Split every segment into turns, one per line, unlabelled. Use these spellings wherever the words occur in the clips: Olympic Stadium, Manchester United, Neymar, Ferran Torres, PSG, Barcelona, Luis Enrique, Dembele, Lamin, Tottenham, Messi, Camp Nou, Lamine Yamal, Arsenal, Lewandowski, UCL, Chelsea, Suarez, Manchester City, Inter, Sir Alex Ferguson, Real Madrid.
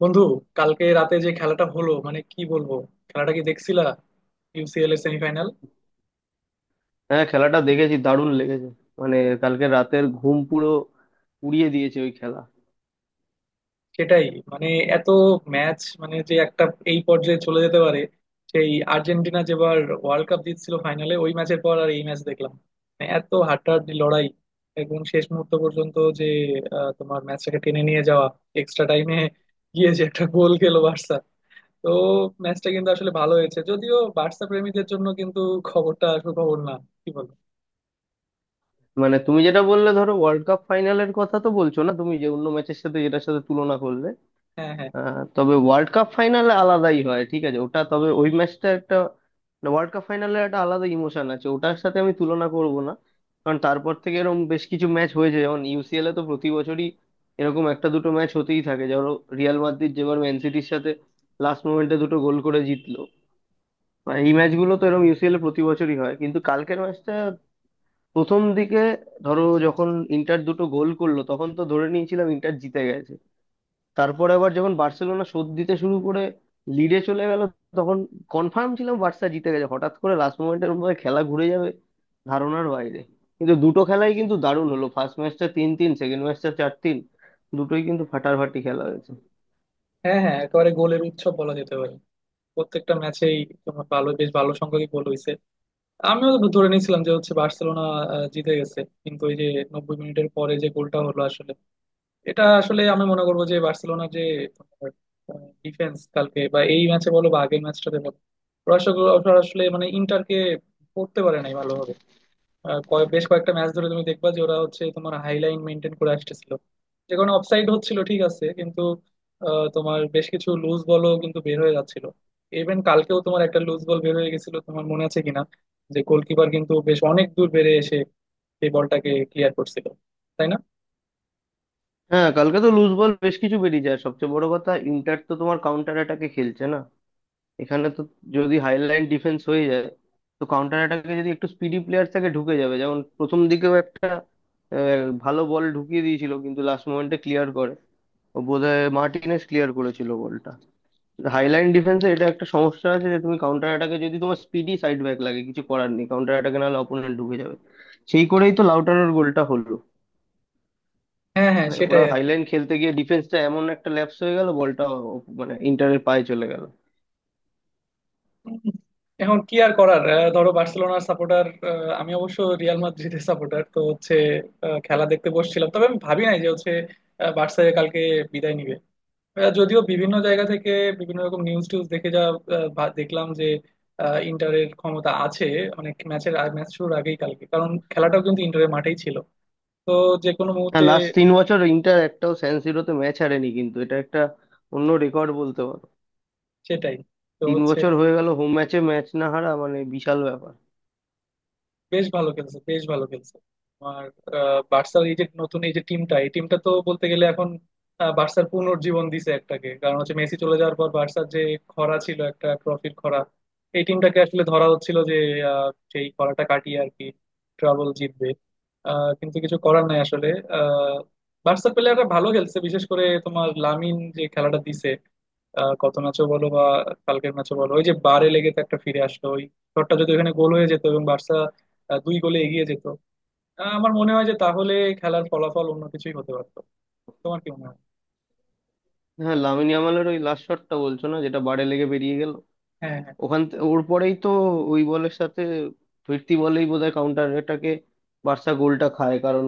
বন্ধু, কালকে রাতে যে খেলাটা হলো মানে কি বলবো। খেলাটা কি দেখছিলা? ইউসিএল এর সেমিফাইনাল।
হ্যাঁ, খেলাটা দেখেছি, দারুণ লেগেছে। মানে কালকে রাতের ঘুম পুরো উড়িয়ে দিয়েছে ওই খেলা।
সেটাই। মানে এত ম্যাচ মানে যে একটা এই পর্যায়ে চলে যেতে পারে। সেই আর্জেন্টিনা যেবার ওয়ার্ল্ড কাপ জিতছিল ফাইনালে ওই ম্যাচের পর আর এই ম্যাচ দেখলাম। মানে এত হাড্ডাহাড্ডি লড়াই, একদম শেষ মুহূর্ত পর্যন্ত যে তোমার ম্যাচটাকে টেনে নিয়ে যাওয়া, এক্সট্রা টাইমে গিয়ে যে একটা গোল খেলো বার্সা। তো ম্যাচটা কিন্তু আসলে ভালো হয়েছে, যদিও বার্সা প্রেমীদের জন্য কিন্তু খবরটা সুখবর না। কি বল?
মানে তুমি যেটা বললে ধরো ওয়ার্ল্ড কাপ ফাইনালের কথা তো বলছো না তুমি, যে অন্য ম্যাচের সাথে যেটার সাথে তুলনা করলে।
হ্যাঁ, হ্যাঁ,
তবে ওয়ার্ল্ড কাপ ফাইনালে আলাদাই হয়, ঠিক আছে ওটা। তবে ওই ম্যাচটা একটা, মানে ওয়ার্ল্ড কাপ ফাইনালের একটা আলাদা ইমোশন আছে, ওটার সাথে আমি তুলনা করব না। কারণ তারপর থেকে এরকম বেশ কিছু ম্যাচ হয়েছে, যেমন ইউসিএল এ তো প্রতি বছরই এরকম একটা দুটো ম্যাচ হতেই থাকে। ধরো রিয়াল মাদ্রিদ যেবার ম্যান সিটির সাথে লাস্ট মোমেন্টে দুটো গোল করে জিতলো, বা এই ম্যাচগুলো তো এরকম ইউসিএল এ প্রতি বছরই হয়। কিন্তু কালকের ম্যাচটা প্রথম দিকে, ধরো যখন ইন্টার দুটো গোল করলো তখন তো ধরে নিয়েছিলাম ইন্টার জিতে গেছে। তারপরে আবার যখন বার্সেলোনা শোধ দিতে শুরু করে লিডে চলে গেল, তখন কনফার্ম ছিলাম বার্সা জিতে গেছে। হঠাৎ করে লাস্ট মোমেন্টের মধ্যে খেলা ঘুরে যাবে, ধারণার বাইরে। কিন্তু দুটো খেলাই কিন্তু দারুণ হলো, ফার্স্ট ম্যাচটা 3-3, সেকেন্ড ম্যাচটা 4-3। দুটোই কিন্তু ফাটাফাটি খেলা হয়েছে।
হ্যাঁ, হ্যাঁ, একেবারে গোলের উৎসব বলা যেতে পারে প্রত্যেকটা ম্যাচেই। তোমার ভালো, বেশ ভালো সংখ্যক গোল হয়েছে। আমিও ধরে নিয়েছিলাম যে হচ্ছে বার্সেলোনা জিতে গেছে, কিন্তু ওই যে 90 মিনিটের পরে যে গোলটা হলো আসলে, এটা আসলে আমি মনে করবো যে বার্সেলোনার যে ডিফেন্স কালকে বা এই ম্যাচে বলো বা আগের ম্যাচটাতে বলো, ওরা আসলে ওরা আসলে মানে ইন্টারকে পড়তে পারে নাই ভালোভাবে। বেশ কয়েকটা ম্যাচ ধরে তুমি দেখবা যে ওরা হচ্ছে তোমার হাইলাইন মেনটেন করে আসতেছিল, যে কারণে অফসাইড হচ্ছিল, ঠিক আছে, কিন্তু তোমার বেশ কিছু লুজ বলও কিন্তু বের হয়ে যাচ্ছিল। ইভেন কালকেও তোমার একটা লুজ বল বের হয়ে গেছিল, তোমার মনে আছে কিনা, যে গোলকিপার কিন্তু বেশ অনেক দূর বেড়ে এসে এই বলটাকে ক্লিয়ার করছিল। তাই না?
হ্যাঁ, কালকে তো লুজ বল বেশ কিছু বেরিয়ে যায়। সবচেয়ে বড় কথা, ইন্টার তো তোমার কাউন্টার অ্যাটাকে খেলছে না। এখানে তো যদি হাইলাইন ডিফেন্স হয়ে যায়, তো কাউন্টার অ্যাটাকে যদি একটু স্পিডি প্লেয়ার থাকে ঢুকে যাবে। যেমন প্রথম দিকেও একটা ভালো বল ঢুকিয়ে দিয়েছিল, কিন্তু লাস্ট মোমেন্টে ক্লিয়ার করে। ও বোধহয় মার্টিনেস ক্লিয়ার করেছিল বলটা। হাইলাইন ডিফেন্সে এটা একটা সমস্যা আছে, যে তুমি কাউন্টার অ্যাটাকে যদি তোমার স্পিডি সাইড ব্যাক লাগে, কিছু করার নেই কাউন্টার অ্যাটাকে, নাহলে অপোনেন্ট ঢুকে যাবে। সেই করেই তো লাউটারের গোলটা হলো।
হ্যাঁ, হ্যাঁ,
মানে ওরা
সেটাই আর কি।
হাইলাইন খেলতে গিয়ে ডিফেন্সটা এমন একটা ল্যাপস হয়ে গেল, বলটা মানে ইন্টারের পায়ে চলে গেল।
হুম। এখন কি আর করার, ধরো বার্সেলোনার সাপোর্টার, আমি অবশ্য রিয়াল মাদ্রিদের সাপোর্টার, তো হচ্ছে খেলা দেখতে বসছিলাম, তবে আমি ভাবি নাই যে হচ্ছে বার্সা কালকে বিদায় নিবে। যদিও বিভিন্ন জায়গা থেকে বিভিন্ন রকম নিউজ টিউজ দেখে যা দেখলাম যে ইন্টারের ক্ষমতা আছে অনেক ম্যাচের, ম্যাচ শুরুর আগেই কালকে, কারণ খেলাটাও কিন্তু ইন্টারের মাঠেই ছিল, তো যে কোনো মুহূর্তে।
হ্যাঁ, লাস্ট 3 বছর ইন্টার একটাও স্যান সিরোতে ম্যাচ হারেনি, কিন্তু এটা একটা অন্য রেকর্ড বলতে পারো।
সেটাই। তো
তিন
হচ্ছে
বছর হয়ে গেল হোম ম্যাচে ম্যাচ না হারা, মানে বিশাল ব্যাপার।
বেশ ভালো খেলছে, বেশ ভালো খেলছে। আমার বার্সার এই যে নতুন এই যে টিমটা, এই টিমটা তো বলতে গেলে এখন বার্সার পুনর্জীবন দিছে একটাকে, কারণ হচ্ছে মেসি চলে যাওয়ার পর বার্সার যে খরা ছিল, একটা ট্রফির খরা, এই টিমটাকে আসলে ধরা হচ্ছিল যে আহ, সেই খরাটা কাটিয়ে আর কি ট্রাবল জিতবে। কিন্তু কিছু করার নাই আসলে। আহ, বার্সার প্লেয়াররা ভালো খেলছে, বিশেষ করে তোমার লামিন যে খেলাটা দিছে গত ম্যাচও বলো বা কালকের ম্যাচও বলো, ওই যে বারে লেগে তো একটা ফিরে আসলো ওই শটটা, যদি ওখানে গোল হয়ে যেত এবং বার্সা 2 গোলে এগিয়ে যেত, আমার মনে হয় যে তাহলে খেলার ফলাফল অন্য কিছুই হতে পারতো। তোমার কি মনে হয়?
হ্যাঁ, লামিন ইয়ামালের ওই লাস্ট শটটা বলছো না, যেটা বারে লেগে বেরিয়ে গেল?
হ্যাঁ, হ্যাঁ,
ওর পরেই তো ওই বলের সাথে ফিরতি বলেই বোধহয় কাউন্টার এটাকে বার্সা গোলটা খায়। কারণ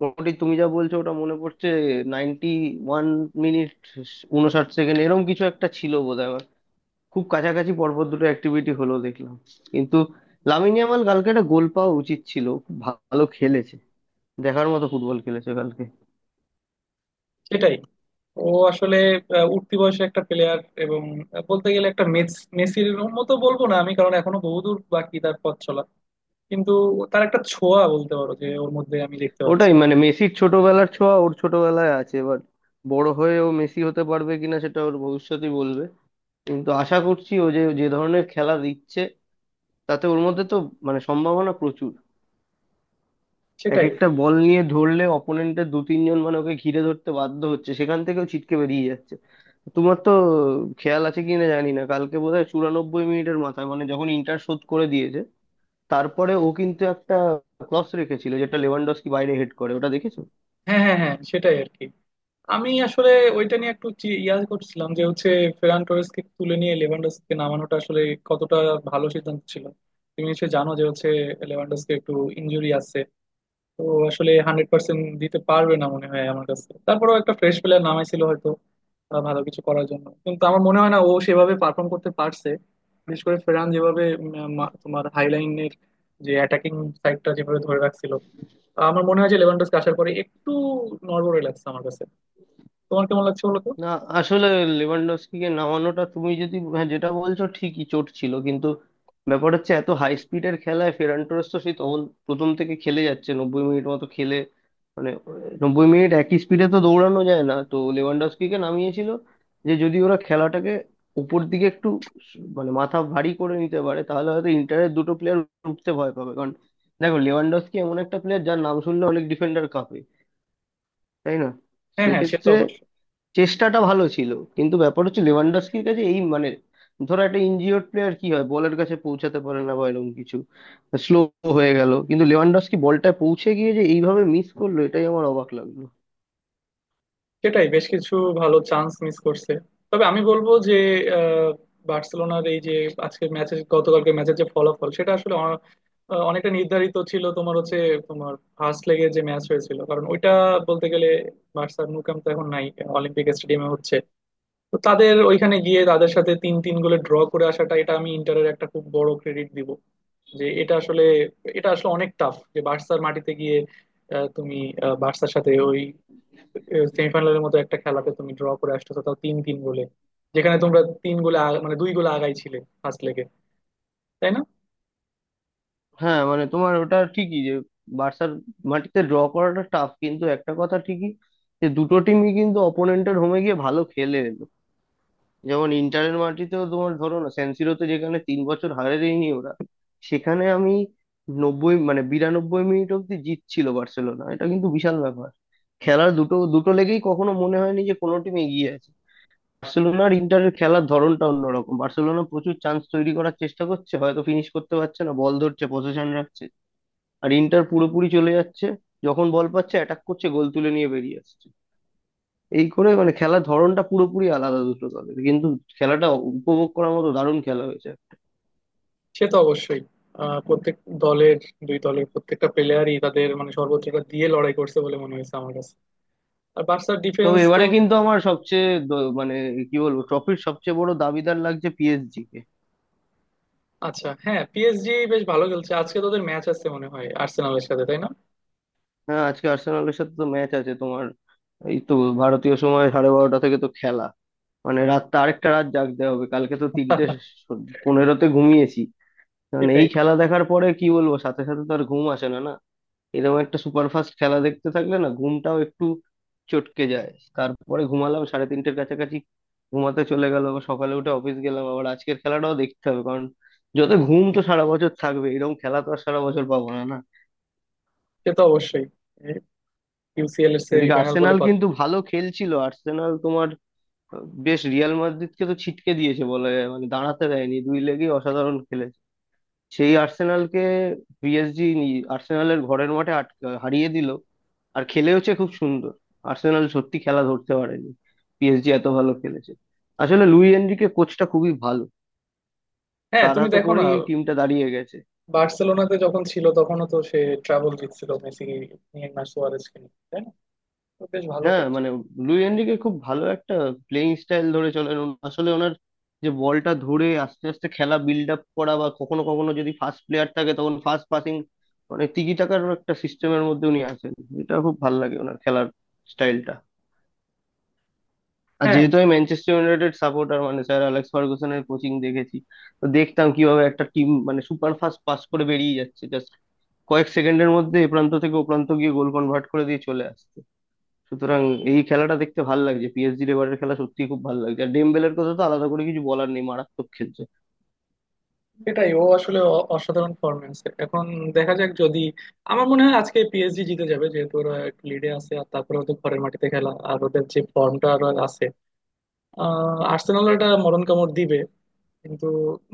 মোটামুটি তুমি যা বলছো ওটা মনে পড়ছে, 91 মিনিট 59 সেকেন্ড এরকম কিছু একটা ছিল বোধহয়। খুব কাছাকাছি পরপর দুটো অ্যাক্টিভিটি হলো দেখলাম। কিন্তু লামিন ইয়ামাল কালকে একটা গোল পাওয়া উচিত ছিল, খুব ভালো খেলেছে, দেখার মতো ফুটবল খেলেছে কালকে।
সেটাই। ও আসলে উঠতি বয়সে একটা প্লেয়ার, এবং বলতে গেলে একটা মেসির মতো বলবো না আমি, কারণ এখনো বহুদূর বাকি তার পথ চলা, কিন্তু তার একটা ছোঁয়া বলতে পারো যে ওর মধ্যে আমি দেখতে পাচ্ছি।
ওটাই, মানে মেসির ছোটবেলার ছোঁয়া ওর ছোটবেলায় আছে এবার। বড় হয়ে ও মেসি হতে পারবে কিনা সেটা ওর ভবিষ্যতই বলবে, কিন্তু আশা করছি ও যে যে ধরনের খেলা দিচ্ছে, তাতে ওর মধ্যে তো মানে সম্ভাবনা প্রচুর। এক
সেটাই।
একটা বল নিয়ে ধরলে অপোনেন্টের দু তিনজন মানে ওকে ঘিরে ধরতে বাধ্য হচ্ছে, সেখান থেকেও ছিটকে বেরিয়ে যাচ্ছে। তোমার তো খেয়াল আছে কিনা জানি না, কালকে বোধহয় চুরানব্বই মিনিটের মাথায়, মানে যখন ইন্টার শোধ করে দিয়েছে তারপরে, ও কিন্তু একটা ক্রস রেখেছিল যেটা লেভানডস্কি বাইরে হেড করে, ওটা দেখেছো?
হ্যাঁ, হ্যাঁ, হ্যাঁ, সেটাই আর কি। আমি আসলে ওইটা নিয়ে একটু ইয়া করছিলাম যে হচ্ছে ফেরান টোরেসকে তুলে নিয়ে লেভানডস্কিকে নামানোটা আসলে কতটা ভালো সিদ্ধান্ত ছিল। তুমি নিশ্চয়ই জানো যে হচ্ছে লেভানডস্কি একটু ইনজুরি আছে, তো আসলে 100% দিতে পারবে না মনে হয় আমার কাছে। তারপরেও একটা ফ্রেশ প্লেয়ার নামাইছিল হয়তো ভালো কিছু করার জন্য, কিন্তু আমার মনে হয় না ও সেভাবে পারফর্ম করতে পারছে। বিশেষ করে ফেরান যেভাবে তোমার হাইলাইনের যে অ্যাটাকিং সাইডটা যেভাবে ধরে রাখছিল, আমার মনে হয় যে লেভানডস্কি আসার পরে একটু নড়বড়ে লাগছে আমার কাছে। তোমার কেমন লাগছে বলো তো?
না, আসলে লেভানডস্কিকে নামানোটা, তুমি যদি হ্যাঁ, যেটা বলছো ঠিকই চোট ছিল, কিন্তু ব্যাপার হচ্ছে এত হাই স্পিডের খেলায় ফেরান টোরেস তো সেই তখন প্রথম থেকে খেলে যাচ্ছে, 90 মিনিট মতো খেলে মানে 90 মিনিট একই স্পিডে তো দৌড়ানো যায় না। তো লেভানডস্কিকে নামিয়েছিল যে যদি ওরা খেলাটাকে উপর দিকে একটু মানে মাথা ভারী করে নিতে পারে, তাহলে হয়তো ইন্টারের দুটো প্লেয়ার উঠতে ভয় পাবে। কারণ দেখো, লেভানডস্কি এমন একটা প্লেয়ার যার নাম শুনলে অনেক ডিফেন্ডার কাঁপে, তাই না?
হ্যাঁ, হ্যাঁ, সে তো
সেক্ষেত্রে
অবশ্যই।
চেষ্টাটা ভালো ছিল, কিন্তু ব্যাপার হচ্ছে লেভানডস্কির কাছে এই মানে, ধরো একটা ইনজিওর প্লেয়ার কি হয়, বলের কাছে পৌঁছাতে পারে না বা এরকম কিছু, স্লো হয়ে গেল। কিন্তু লেভানডস্কি বলটা পৌঁছে গিয়ে যে এইভাবে মিস করলো, এটাই আমার অবাক লাগলো।
সেটাই, বেশ কিছু ভালো চান্স মিস করছে। তবে আমি বলবো যে আহ, বার্সেলোনার এই যে আজকের ম্যাচের, গতকালকে ম্যাচের যে ফলাফল, সেটা আসলে অনেকটা নির্ধারিত ছিল তোমার হচ্ছে তোমার ফার্স্ট লেগে যে ম্যাচ হয়েছিল। কারণ ওইটা বলতে গেলে, বার্সার ন্যু ক্যাম্প তো এখন নাই, অলিম্পিক স্টেডিয়ামে হচ্ছে, তো তাদের ওইখানে গিয়ে তাদের সাথে 3-3 গোলে ড্র করে আসাটা, এটা আমি ইন্টারের একটা খুব বড় ক্রেডিট দিব, যে এটা আসলে অনেক টাফ যে বার্সার মাটিতে গিয়ে তুমি বার্সার সাথে ওই সেমিফাইনালের মতো একটা খেলাতে তুমি ড্র করে আসতেছো তাও 3-3 গোলে, যেখানে তোমরা মানে 2 গোলে আগাই ছিলে ফার্স্ট লেগে। তাই না?
হ্যাঁ, মানে তোমার ওটা ঠিকই যে বার্সার মাটিতে ড্র করাটা টাফ, কিন্তু একটা কথা ঠিকই যে দুটো টিমই কিন্তু অপোনেন্টের হোমে গিয়ে ভালো খেলে এলো। যেমন ইন্টারের মাটিতেও তোমার ধরো না সেনসিরোতে, যেখানে 3 বছর হারে দেয়নি ওরা, সেখানে আমি নব্বই মানে 92 মিনিট অব্দি জিতছিল বার্সেলোনা, এটা কিন্তু বিশাল ব্যাপার। খেলার দুটো দুটো লেগেই কখনো মনে হয়নি যে কোনো টিম এগিয়ে আছে। বার্সেলোনা আর ইন্টারের খেলার ধরনটা অন্যরকম, বার্সেলোনা প্রচুর চান্স তৈরি করার চেষ্টা করছে, হয়তো ফিনিশ করতে পারছে না, বল ধরছে, পজিশন রাখছে। আর ইন্টার পুরোপুরি চলে যাচ্ছে, যখন বল পাচ্ছে অ্যাটাক করছে, গোল তুলে নিয়ে বেরিয়ে আসছে। এই করে মানে খেলার ধরনটা পুরোপুরি আলাদা দুটো দলের, কিন্তু খেলাটা উপভোগ করার মতো দারুণ খেলা হয়েছে।
সে তো অবশ্যই। প্রত্যেক দলের দুই দলের প্রত্যেকটা প্লেয়ারই তাদের মানে সর্বোচ্চটা দিয়ে লড়াই করছে বলে মনে হয়েছে আমার কাছে। আর বার্সার
তবে
ডিফেন্স তো,
এবারে কিন্তু আমার সবচেয়ে মানে কি বলবো, ট্রফির সবচেয়ে বড় দাবিদার লাগছে পিএসজি কে।
আচ্ছা, হ্যাঁ, পিএসজি বেশ ভালো খেলছে। আজকে তোদের ম্যাচ আছে মনে হয় আর্সেনালের সাথে, তাই না?
হ্যাঁ, আজকে আর্সেনালের সাথে তো ম্যাচ আছে তোমার। এই তো ভারতীয় সময় 12:30 থেকে তো খেলা, মানে রাতটা আরেকটা রাত জাগতে হবে। কালকে তো তিনটে পনেরোতে ঘুমিয়েছি। মানে
সেটাই।
এই খেলা দেখার পরে কি বলবো, সাথে সাথে তো আর ঘুম আসে না, না। এরকম একটা সুপারফাস্ট খেলা দেখতে থাকলে না, ঘুমটাও একটু চটকে যায়। তারপরে ঘুমালাম 3:30 কাছাকাছি, ঘুমাতে চলে গেল। আবার সকালে উঠে অফিস গেলাম, আবার আজকের খেলাটাও দেখতে হবে। কারণ যত ঘুম তো সারা বছর থাকবে, এরকম খেলা তো আর সারা বছর পাবো না, না।
সে তো অবশ্যই, ইউসিএল এর
এদিকে
সেমিফাইনাল বলে
আর্সেনাল
কথা।
কিন্তু ভালো খেলছিল। আর্সেনাল তোমার বেশ রিয়াল মাদ্রিদকে তো ছিটকে দিয়েছে বলা যায়, মানে দাঁড়াতে দেয়নি, দুই লেগই অসাধারণ খেলেছে। সেই আর্সেনালকে পিএসজি আর্সেনালের ঘরের মাঠে আটকে হারিয়ে দিল। আর খেলে হচ্ছে খুব সুন্দর। আর্সেনাল সত্যি খেলা ধরতে পারেনি, পিএসজি এত ভালো খেলেছে। আসলে লুই এনরিকে কোচটা খুবই ভালো,
হ্যাঁ,
তার
তুমি
হাতে
দেখো না,
পড়েই এই টিমটা দাঁড়িয়ে গেছে।
বার্সেলোনাতে যখন ছিল তখনও তো সে ট্রাবল জিতছিল মেসি, নেইমার, সুয়ারেজকে নিয়ে, তাই না? তো বেশ ভালো
হ্যাঁ,
করছে।
মানে লুই এনরিকে খুব ভালো একটা প্লেইং স্টাইল ধরে চলেন উনি। আসলে ওনার যে বলটা ধরে আস্তে আস্তে খেলা বিল্ড আপ করা, বা কখনো কখনো যদি ফাস্ট প্লেয়ার থাকে তখন ফাস্ট পাসিং, মানে তিগি টাকার একটা সিস্টেমের মধ্যে উনি আছেন। এটা খুব ভালো লাগে ওনার খেলার স্টাইলটা। আর
হ্যাঁ,
যেহেতু আমি ম্যানচেস্টার ইউনাইটেড সাপোর্টার, মানে স্যার অ্যালেক্স ফার্গুসনের কোচিং দেখেছি, তো দেখতাম কিভাবে একটা টিম মানে সুপার ফাস্ট পাস করে বেরিয়ে যাচ্ছে, জাস্ট কয়েক সেকেন্ডের মধ্যে এ প্রান্ত থেকে ও প্রান্ত গিয়ে গোল কনভার্ট করে দিয়ে চলে আসছে। সুতরাং এই খেলাটা দেখতে ভাল লাগছে, পিএসজির এবারের খেলা সত্যি খুব ভালো লাগছে। আর ডেমবেলের কথা তো আলাদা করে কিছু বলার নেই, মারাত্মক খেলছে।
সেটাই। ও আসলে অসাধারণ ফরম্যান্স। এখন দেখা যাক, যদি আমার মনে হয় আজকে পিএসজি জিতে যাবে যেহেতু ওরা একটু লিডে আছে, আর তারপরে ওদের ঘরের মাটিতে খেলা, আর ওদের যে ফর্মটা আর আছে, আর্সেনাল এটা মরণ কামড় দিবে কিন্তু,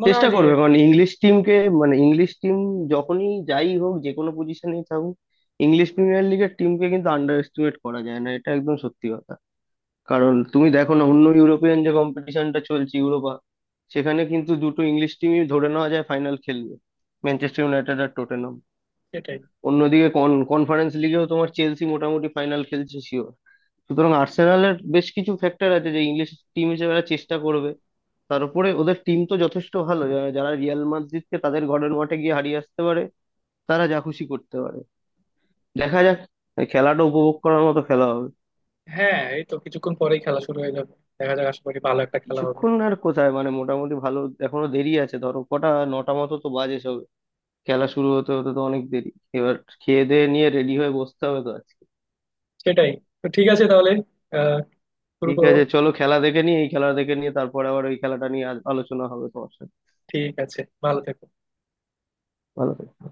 মনে হয়
চেষ্টা
যে
করবে, কারণ ইংলিশ টিমকে, মানে ইংলিশ টিম যখনই, যাই হোক, যে কোনো পজিশনেই থাকুক, ইংলিশ প্রিমিয়ার লিগের টিমকে কিন্তু আন্ডার এস্টিমেট করা যায় না, এটা একদম সত্যি কথা। কারণ তুমি দেখো না, অন্য ইউরোপিয়ান যে কম্পিটিশনটা চলছে, ইউরোপা, সেখানে কিন্তু দুটো ইংলিশ টিমই ধরে নেওয়া যায় ফাইনাল খেলবে, ম্যানচেস্টার ইউনাইটেড আর টটেনহাম।
সেটাই।
অন্যদিকে কনফারেন্স লিগেও তোমার চেলসি মোটামুটি ফাইনাল খেলছে শিওর। সুতরাং আর্সেনালের বেশ কিছু ফ্যাক্টর আছে যে ইংলিশ টিম হিসেবে এরা চেষ্টা করবে। তার উপরে ওদের টিম তো যথেষ্ট ভালো, যারা রিয়াল মাদ্রিদকে তাদের ঘরের মাঠে গিয়ে হারিয়ে আসতে পারে, তারা যা খুশি করতে পারে। দেখা যাক, খেলাটা উপভোগ করার মতো খেলা হবে।
হ্যাঁ, এই তো কিছুক্ষণ পরেই খেলা শুরু হয়ে যাবে, দেখা যাক, আশা করি ভালো একটা খেলা হবে।
কিছুক্ষণ আর কোথায়, মানে মোটামুটি ভালো এখনো দেরি আছে, ধরো কটা নটা মতো তো বাজে সব, খেলা শুরু হতে হতে তো অনেক দেরি। এবার খেয়ে দেয়ে নিয়ে রেডি হয়ে বসতে হবে তো আজকে।
সেটাই। তো ঠিক আছে তাহলে, আহ শুরু
ঠিক
করো।
আছে, চলো খেলা দেখে নিই, এই খেলা দেখে নিয়ে তারপরে আবার ওই খেলাটা নিয়ে আজ আলোচনা হবে তোমার সাথে।
ঠিক আছে। ভালো থেকো।
ভালো থেকো।